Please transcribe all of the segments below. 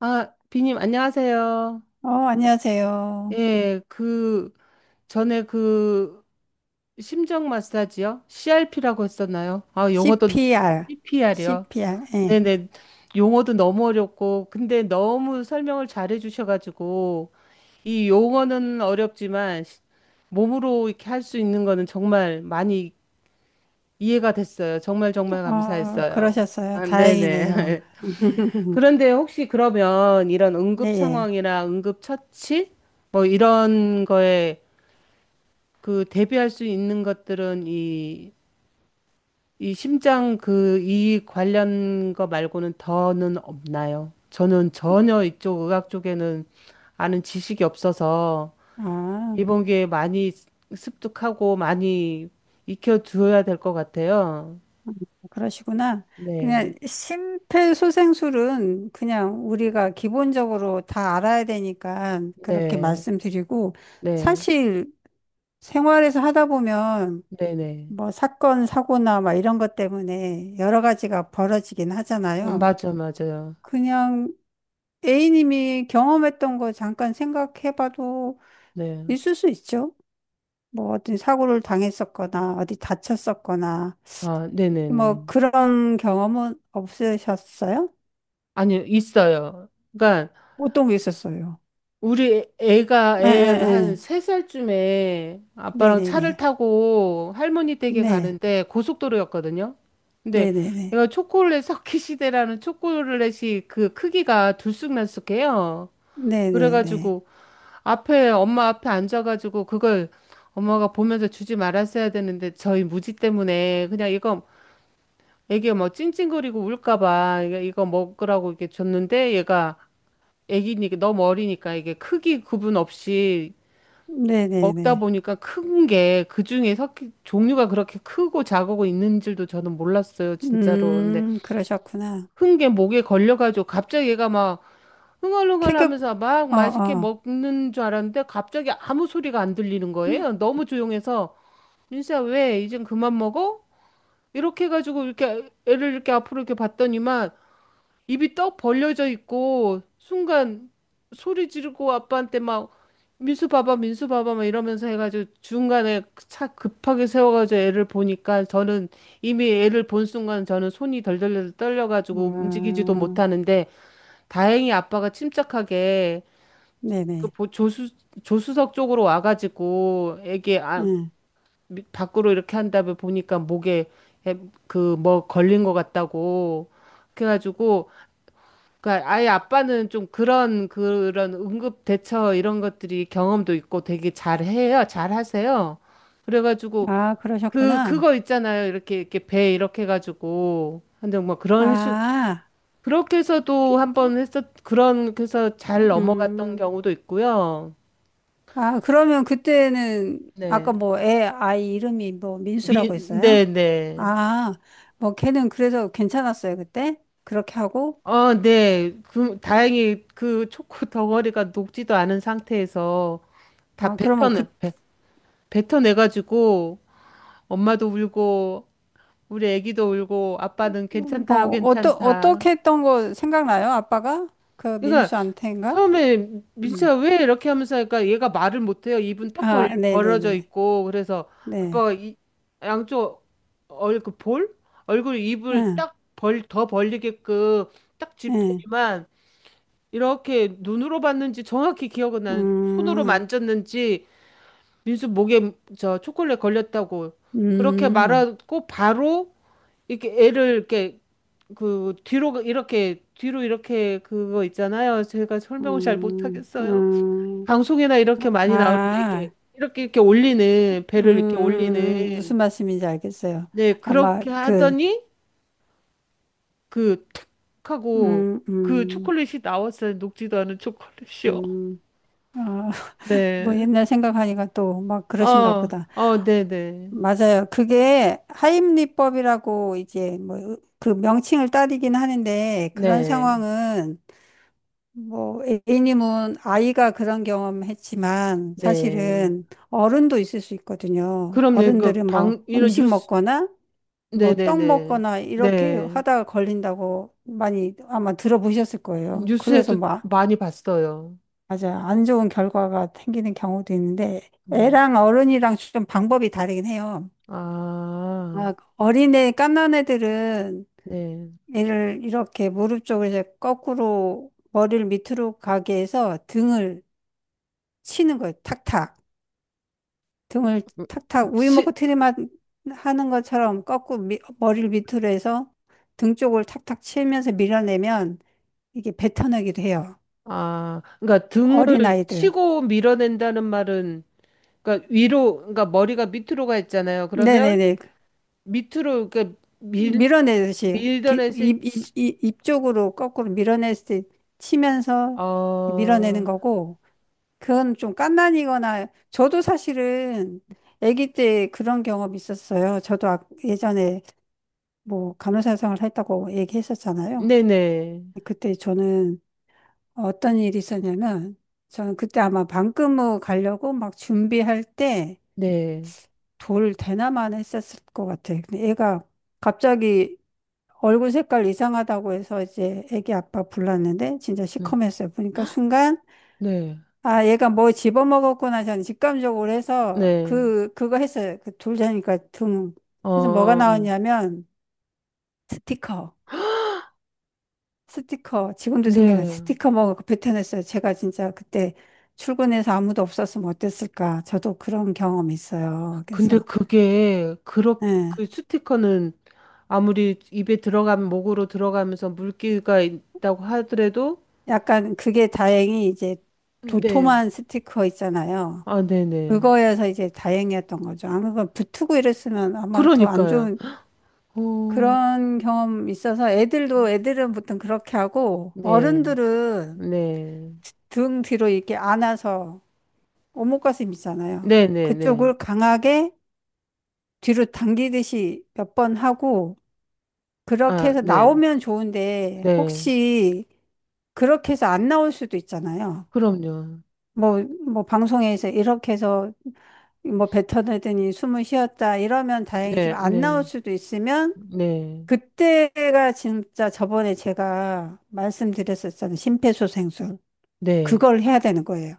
아, 비님, 안녕하세요. 어, 안녕하세요. 예, 전에 심정 마사지요? CRP라고 했었나요? 아, 용어도, CPR, CPR이요? CPR, 예. 네네. 용어도 너무 어렵고, 근데 너무 설명을 잘해 주셔가지고, 이 용어는 어렵지만, 몸으로 이렇게 할 수 있는 거는 정말 많이 이해가 됐어요. 정말 정말 어, 감사했어요. 그러셨어요. 아, 다행이네요. 네네. 그런데 혹시 그러면 이런 네, 응급 예. 상황이나 응급 처치 뭐 이런 거에 그 대비할 수 있는 것들은 이 심장 그 이 관련 거 말고는 더는 없나요? 저는 전혀 이쪽 의학 쪽에는 아는 지식이 없어서 아, 이번 기회에 많이 습득하고 많이 익혀두어야 될 것 같아요. 그러시구나. 네, 그냥 심폐소생술은 그냥 우리가 기본적으로 다 알아야 되니까 그렇게 네, 말씀드리고, 네, 사실 생활에서 하다 보면 네, 네. 뭐 사건, 사고나 막 이런 것 때문에 여러 가지가 벌어지긴 하잖아요. 맞아, 맞아요. 그냥 A님이 경험했던 거 잠깐 생각해봐도 네. 있을 수 있죠. 뭐 어떤 사고를 당했었거나 어디 다쳤었거나 아, 네네네. 뭐 그런 경험은 없으셨어요? 아니, 있어요. 그러니까, 어떤 게 있었어요? 우리 애가 애 한 에에에. 세살쯤에 아빠랑 차를 네네네. 타고 할머니 댁에 네. 가는데 고속도로였거든요. 근데 네네네. 얘가 초콜릿 석기시대라는 초콜릿이 그 크기가 들쑥날쑥해요. 네네네. 그래가지고 엄마 앞에 앉아가지고 그걸 엄마가 보면서 주지 말았어야 되는데 저희 무지 때문에 그냥 이거 애기 뭐 찡찡거리고 울까봐 이거 먹으라고 이렇게 줬는데 얘가 애기니까 너무 어리니까 이게 크기 구분 없이 네네네. 먹다 보니까 큰 게 그중에 섞이 종류가 그렇게 크고 작고 있는 줄도 저는 몰랐어요, 진짜로. 근데 음, 그러셨구나. 큰 게 목에 걸려가지고 갑자기 얘가 막 흥얼흥얼 계급. 하면서 막 맛있게 어어. 먹는 줄 알았는데 갑자기 아무 소리가 안 들리는 거예요. 너무 조용해서 민수야 왜 이젠 그만 먹어? 이렇게 해가지고 이렇게 애를 이렇게 앞으로 이렇게 봤더니만 입이 떡 벌려져 있고 순간 소리 지르고 아빠한테 막 민수 봐봐 민수 봐봐 막 이러면서 해가지고 중간에 차 급하게 세워가지고 애를 보니까 저는 이미 애를 본 순간 저는 손이 덜덜덜 떨려가지고 움직이지도 음. 못하는데 다행히 아빠가 침착하게 네네. 조수 조수석 쪽으로 와가지고 애기 아, 밖으로 이렇게 한 다음에 보니까 목에 그 뭐 걸린 것 같다고 그래가지고 그러니까 아예 아빠는 좀 그런 응급 대처 이런 것들이 경험도 있고 되게 잘해요. 잘하세요. 그래가지고 음아 그 그러셨구나. 그거 있잖아요. 이렇게 이렇게 배 이렇게 해가지고 근데 뭐 그런 식 아. 그렇게 해서도 한번 했었 그런 해서 잘 넘어갔던 음. 경우도 있고요. 아, 그러면 그때는 네. 아까 뭐 애 아이 이름이 뭐 미, 민수라고 네, 했어요? 네. 아, 뭐 걔는 그래서 괜찮았어요, 그때? 그렇게 하고? 어, 네. 그 다행히 그 초코 덩어리가 녹지도 않은 상태에서 다 아, 그러면 그, 뱉어내 뱉- 뱉어내가지고 엄마도 울고 우리 애기도 울고 아빠는 괜찮다 뭐, 어떠, 괜찮다. 어떻게 했던 거 생각나요? 아빠가? 그 그러니까 민수한테인가? 처음에 음. 민수야 왜 이렇게 하면서 하니까 얘가 말을 못해요. 입은 턱 벌, 아, 벌어져 네네네. 있고 그래서 네. 아빠가 양쪽 얼굴 볼 얼굴 입을 응. 딱 벌 더 벌리게끔 딱 네. 집더니만 이렇게 눈으로 봤는지 정확히 기억은 나는 손으로 음, 만졌는지 민수 목에 저 초콜릿 걸렸다고 그렇게 음, 말하고 바로 이렇게 애를 이렇게 그 뒤로 이렇게 뒤로 이렇게 그거 있잖아요. 제가 설명을 잘 음, 못하겠어요. 음. 방송이나 이렇게 많이 나오는데 이렇게 아. 이렇게 이렇게 올리는 배를 이렇게 음. 무슨 올리는 말씀인지 알겠어요. 네 아마 그렇게 그, 하더니 그툭 하고 음, 그 음, 초콜릿이 나왔어요. 녹지도 않은 초콜릿이요. 음. 아, 뭐 네. 옛날 생각하니까 또 막 그러신가 어, 보다. 어, 네네. 맞아요. 그게 하임리법이라고 이제 뭐 그 명칭을 따르긴 하는데 그런 네, 네. 상황은 뭐 A님은 아이가 그런 경험했지만 네. 사실은 어른도 있을 수 있거든요. 그럼요. 이거 어른들은 뭐 방 이런 음식 뉴스, 먹거나 뭐 네네네. 떡 먹거나 네. 네. 이렇게 네. 하다가 걸린다고 많이 아마 들어보셨을 거예요. 그래서 뉴스에도 뭐 많이 봤어요. 맞아요. 안 좋은 결과가 생기는 경우도 있는데, 네. 애랑 어른이랑 좀 방법이 다르긴 해요. 아, 막 어린애, 갓난 애들은 네. 애를 이렇게 무릎 쪽을 이제 거꾸로 머리를 밑으로 가게 해서 등을 치는 거예요. 탁탁. 등을 음, 탁탁 우유 치, 먹고 트림하는 것처럼 거꾸로 머리를 밑으로 해서 등 쪽을 탁탁 치면서 밀어내면 이게 뱉어내기도 해요. 아, 그러니까 등을 어린아이들. 치고 밀어낸다는 말은, 그러니까 위로, 그러니까 머리가 밑으로 가 있잖아요. 그러면 네네네. 밑으로, 그러니까 밀, 밀어내듯이 밀던 애세, 입 쪽으로 거꾸로 밀어내듯이 치면서 어, 밀어내는 거고, 그건 좀 갓난이거나 저도 사실은 아기 때 그런 경험이 있었어요. 저도 예전에 뭐 간호사 생활 했다고 얘기했었잖아요. 네네, 그때 저는 어떤 일이 있었냐면, 저는 그때 아마 방금무 가려고 막 준비할 때 네, 돌 대나만 했었을 것 같아요. 근데 애가 갑자기 얼굴 색깔 이상하다고 해서 이제 애기 아빠 불렀는데 진짜 네, 시커맸어요. 보니까 순간 네, 아 얘가 뭐 집어먹었구나 저는 직감적으로 해서 네, 그거 했어요. 그 돌자니까 등. 그래서 뭐가 어, 나왔냐면 스티커. 스티커. 지금도 생각나. 네. 스티커 먹고 뱉어냈어요. 제가 진짜 그때 출근해서 아무도 없었으면 어땠을까. 저도 그런 경험 있어요. 근데 그래서 예. 그 스티커는 아무리 입에 들어가면, 목으로 들어가면서 물기가 있다고 하더라도, 약간 그게 다행히 이제 네. 도톰한 스티커 있잖아요. 아, 네네. 그거여서 이제 다행이었던 거죠. 아마 그 붙고 이랬으면 아마 더 안 그러니까요. 좋은 어, 그런 경험 있어서 애들도, 애들은 보통 그렇게 하고 네, 어른들은 네, 등 뒤로 이렇게 안아서 오목가슴 있잖아요. 네네네. 그쪽을 강하게 뒤로 당기듯이 몇 번 하고 그렇게 아, 해서 네, 나오면 좋은데 네. 혹시 그렇게 해서 안 나올 수도 있잖아요. 그럼요. 뭐 방송에서 이렇게 해서 뭐 뱉어내더니 숨을 쉬었다 이러면 네, 다행이지만 안 나올 네, 수도 있으면 네, 그때가 진짜 저번에 제가 말씀드렸었잖아요. 심폐소생술. 네. 그걸 해야 되는 거예요.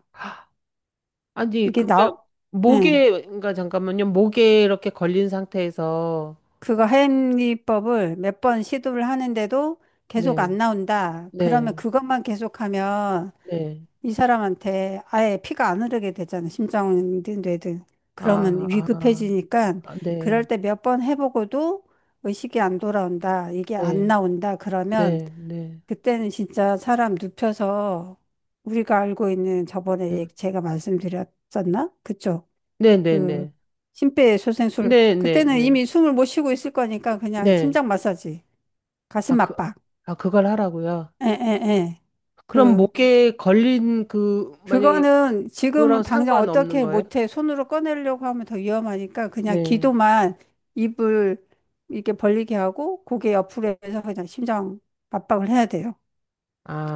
아니, 이게 그러면 나, 응. 목에, 그러니까 잠깐만요. 목에 이렇게 걸린 상태에서, 그거 하임리법을 몇 번 시도를 하는데도 계속 네, 안 나온다. 그러면 네, 그것만 계속하면 네. 이 사람한테 아예 피가 안 흐르게 되잖아. 심장이든 뇌든. 그러면 아, 아, 위급해지니까 아, 그럴 네, 때 몇 번 해보고도 의식이 안 돌아온다. 이게 안 네, 나온다. 그러면 네, 네, 그때는 진짜 사람 눕혀서 우리가 알고 있는 네, 저번에 제가 말씀드렸었나? 그쵸? 네, 그 네, 심폐소생술. 네, 네, 네, 그때는 네. 이미 숨을 못 쉬고 있을 거니까 그냥 네. 심장 마사지, 아, 가슴 그, 압박. 아, 그걸 하라고요. 에, 에, 에. 그럼 그 목에 걸린 그, 만약에 그거는 지금 그거랑 당장 상관없는 어떻게 거예요? 못해. 손으로 꺼내려고 하면 더 위험하니까 그냥 네. 기도만 입을 이렇게 벌리게 하고 고개 옆으로 해서 그냥 심장 압박을 해야 돼요.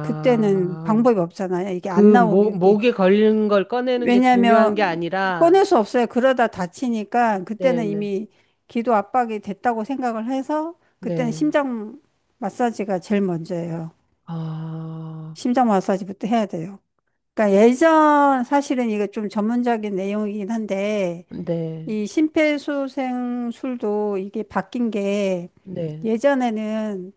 그때는 방법이 없잖아요. 이게 안 그 목, 나오게. 목에 걸린 걸 꺼내는 게 중요한 게 왜냐하면 아니라, 꺼낼 수 없어요. 그러다 다치니까 그때는 네네, 이미 기도 압박이 됐다고 생각을 해서 그때는 네. 네. 심장 마사지가 제일 먼저예요. 아, 심장 마사지부터 해야 돼요. 그러니까 예전 사실은 이거 좀 전문적인 내용이긴 한데 네, 이 심폐소생술도 이게 바뀐 게 네. 예전에는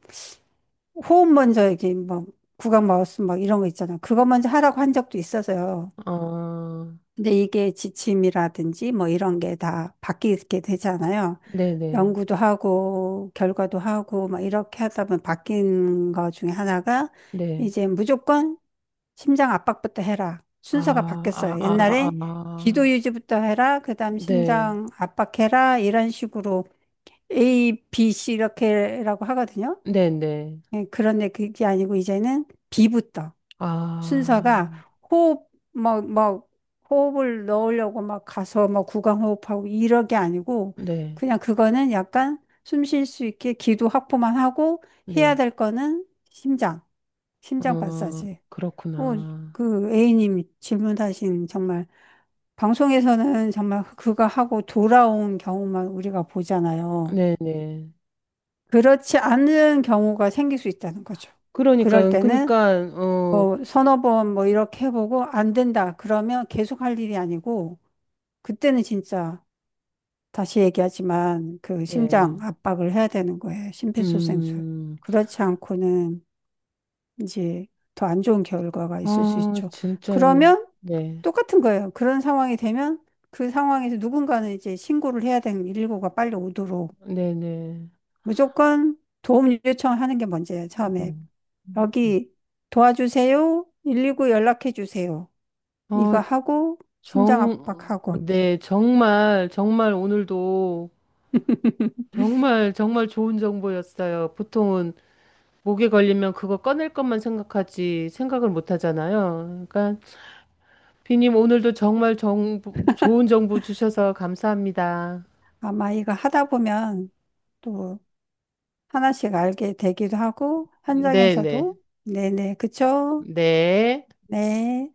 호흡 먼저 이게 막 구강 마우스 막 이런 거 있잖아. 그거 먼저 하라고 한 적도 있어서요. 어, 근데 이게 지침이라든지 뭐 이런 게 다 바뀌게 되잖아요. 네네, 네. 연구도 하고 결과도 하고 막 이렇게 하다 보면 바뀐 거 중에 하나가 네. 이제 무조건 심장 압박부터 해라. 순서가 아, 아, 바뀌었어요. 아, 옛날에 기도 아. 유지부터 해라. 그다음 네, 심장 압박해라. 이런 식으로 A, B, C 이렇게라고 하거든요. 네네. 예, 그런데 그게 아니고 이제는 B부터 순서가 아, 호흡 뭐 호흡을 넣으려고 막 가서 뭐 구강호흡하고 이러게 아니고 네, 그냥 그거는 약간 숨 쉴 수 있게 기도 확보만 하고 해야 네. 될 거는 심장, 심장 어, 마사지. 어, 그렇구나. 그 A님이 질문하신 정말 방송에서는 정말 그거 하고 돌아온 경우만 우리가 보잖아요. 네네. 그렇지 않은 경우가 생길 수 있다는 거죠. 그럴 그러니까요. 때는 그러니까 어, 뭐 서너 번 뭐 이렇게 해보고 안 된다. 그러면 계속 할 일이 아니고 그때는 진짜 다시 얘기하지만 그 심장 네. 압박을 해야 되는 거예요. 심폐소생술. 음. 그렇지 않고는 이제 더 안 좋은 결과가 있을 수 아, 있죠. 진짜는 그러면 네. 똑같은 거예요. 그런 상황이 되면 그 상황에서 누군가는 이제 신고를 해야 되는 119가 빨리 오도록 네, 네. 무조건 도움 요청하는 게 먼저예요. 처음에 음. 여기 도와주세요. 119 연락해 주세요. 어, 이거 하고 심장 정 압박하고 네, 정말 정말 오늘도 정말 정말 좋은 정보였어요. 보통은 목에 걸리면 그거 꺼낼 것만 생각하지 생각을 못 하잖아요. 그러니까 비님 오늘도 정말 정보, 좋은 정보 주셔서 감사합니다. 아마 이거 하다 보면 또 하나씩 알게 되기도 하고 네, 네. 현장에서도 네네 그쵸? 네. 네.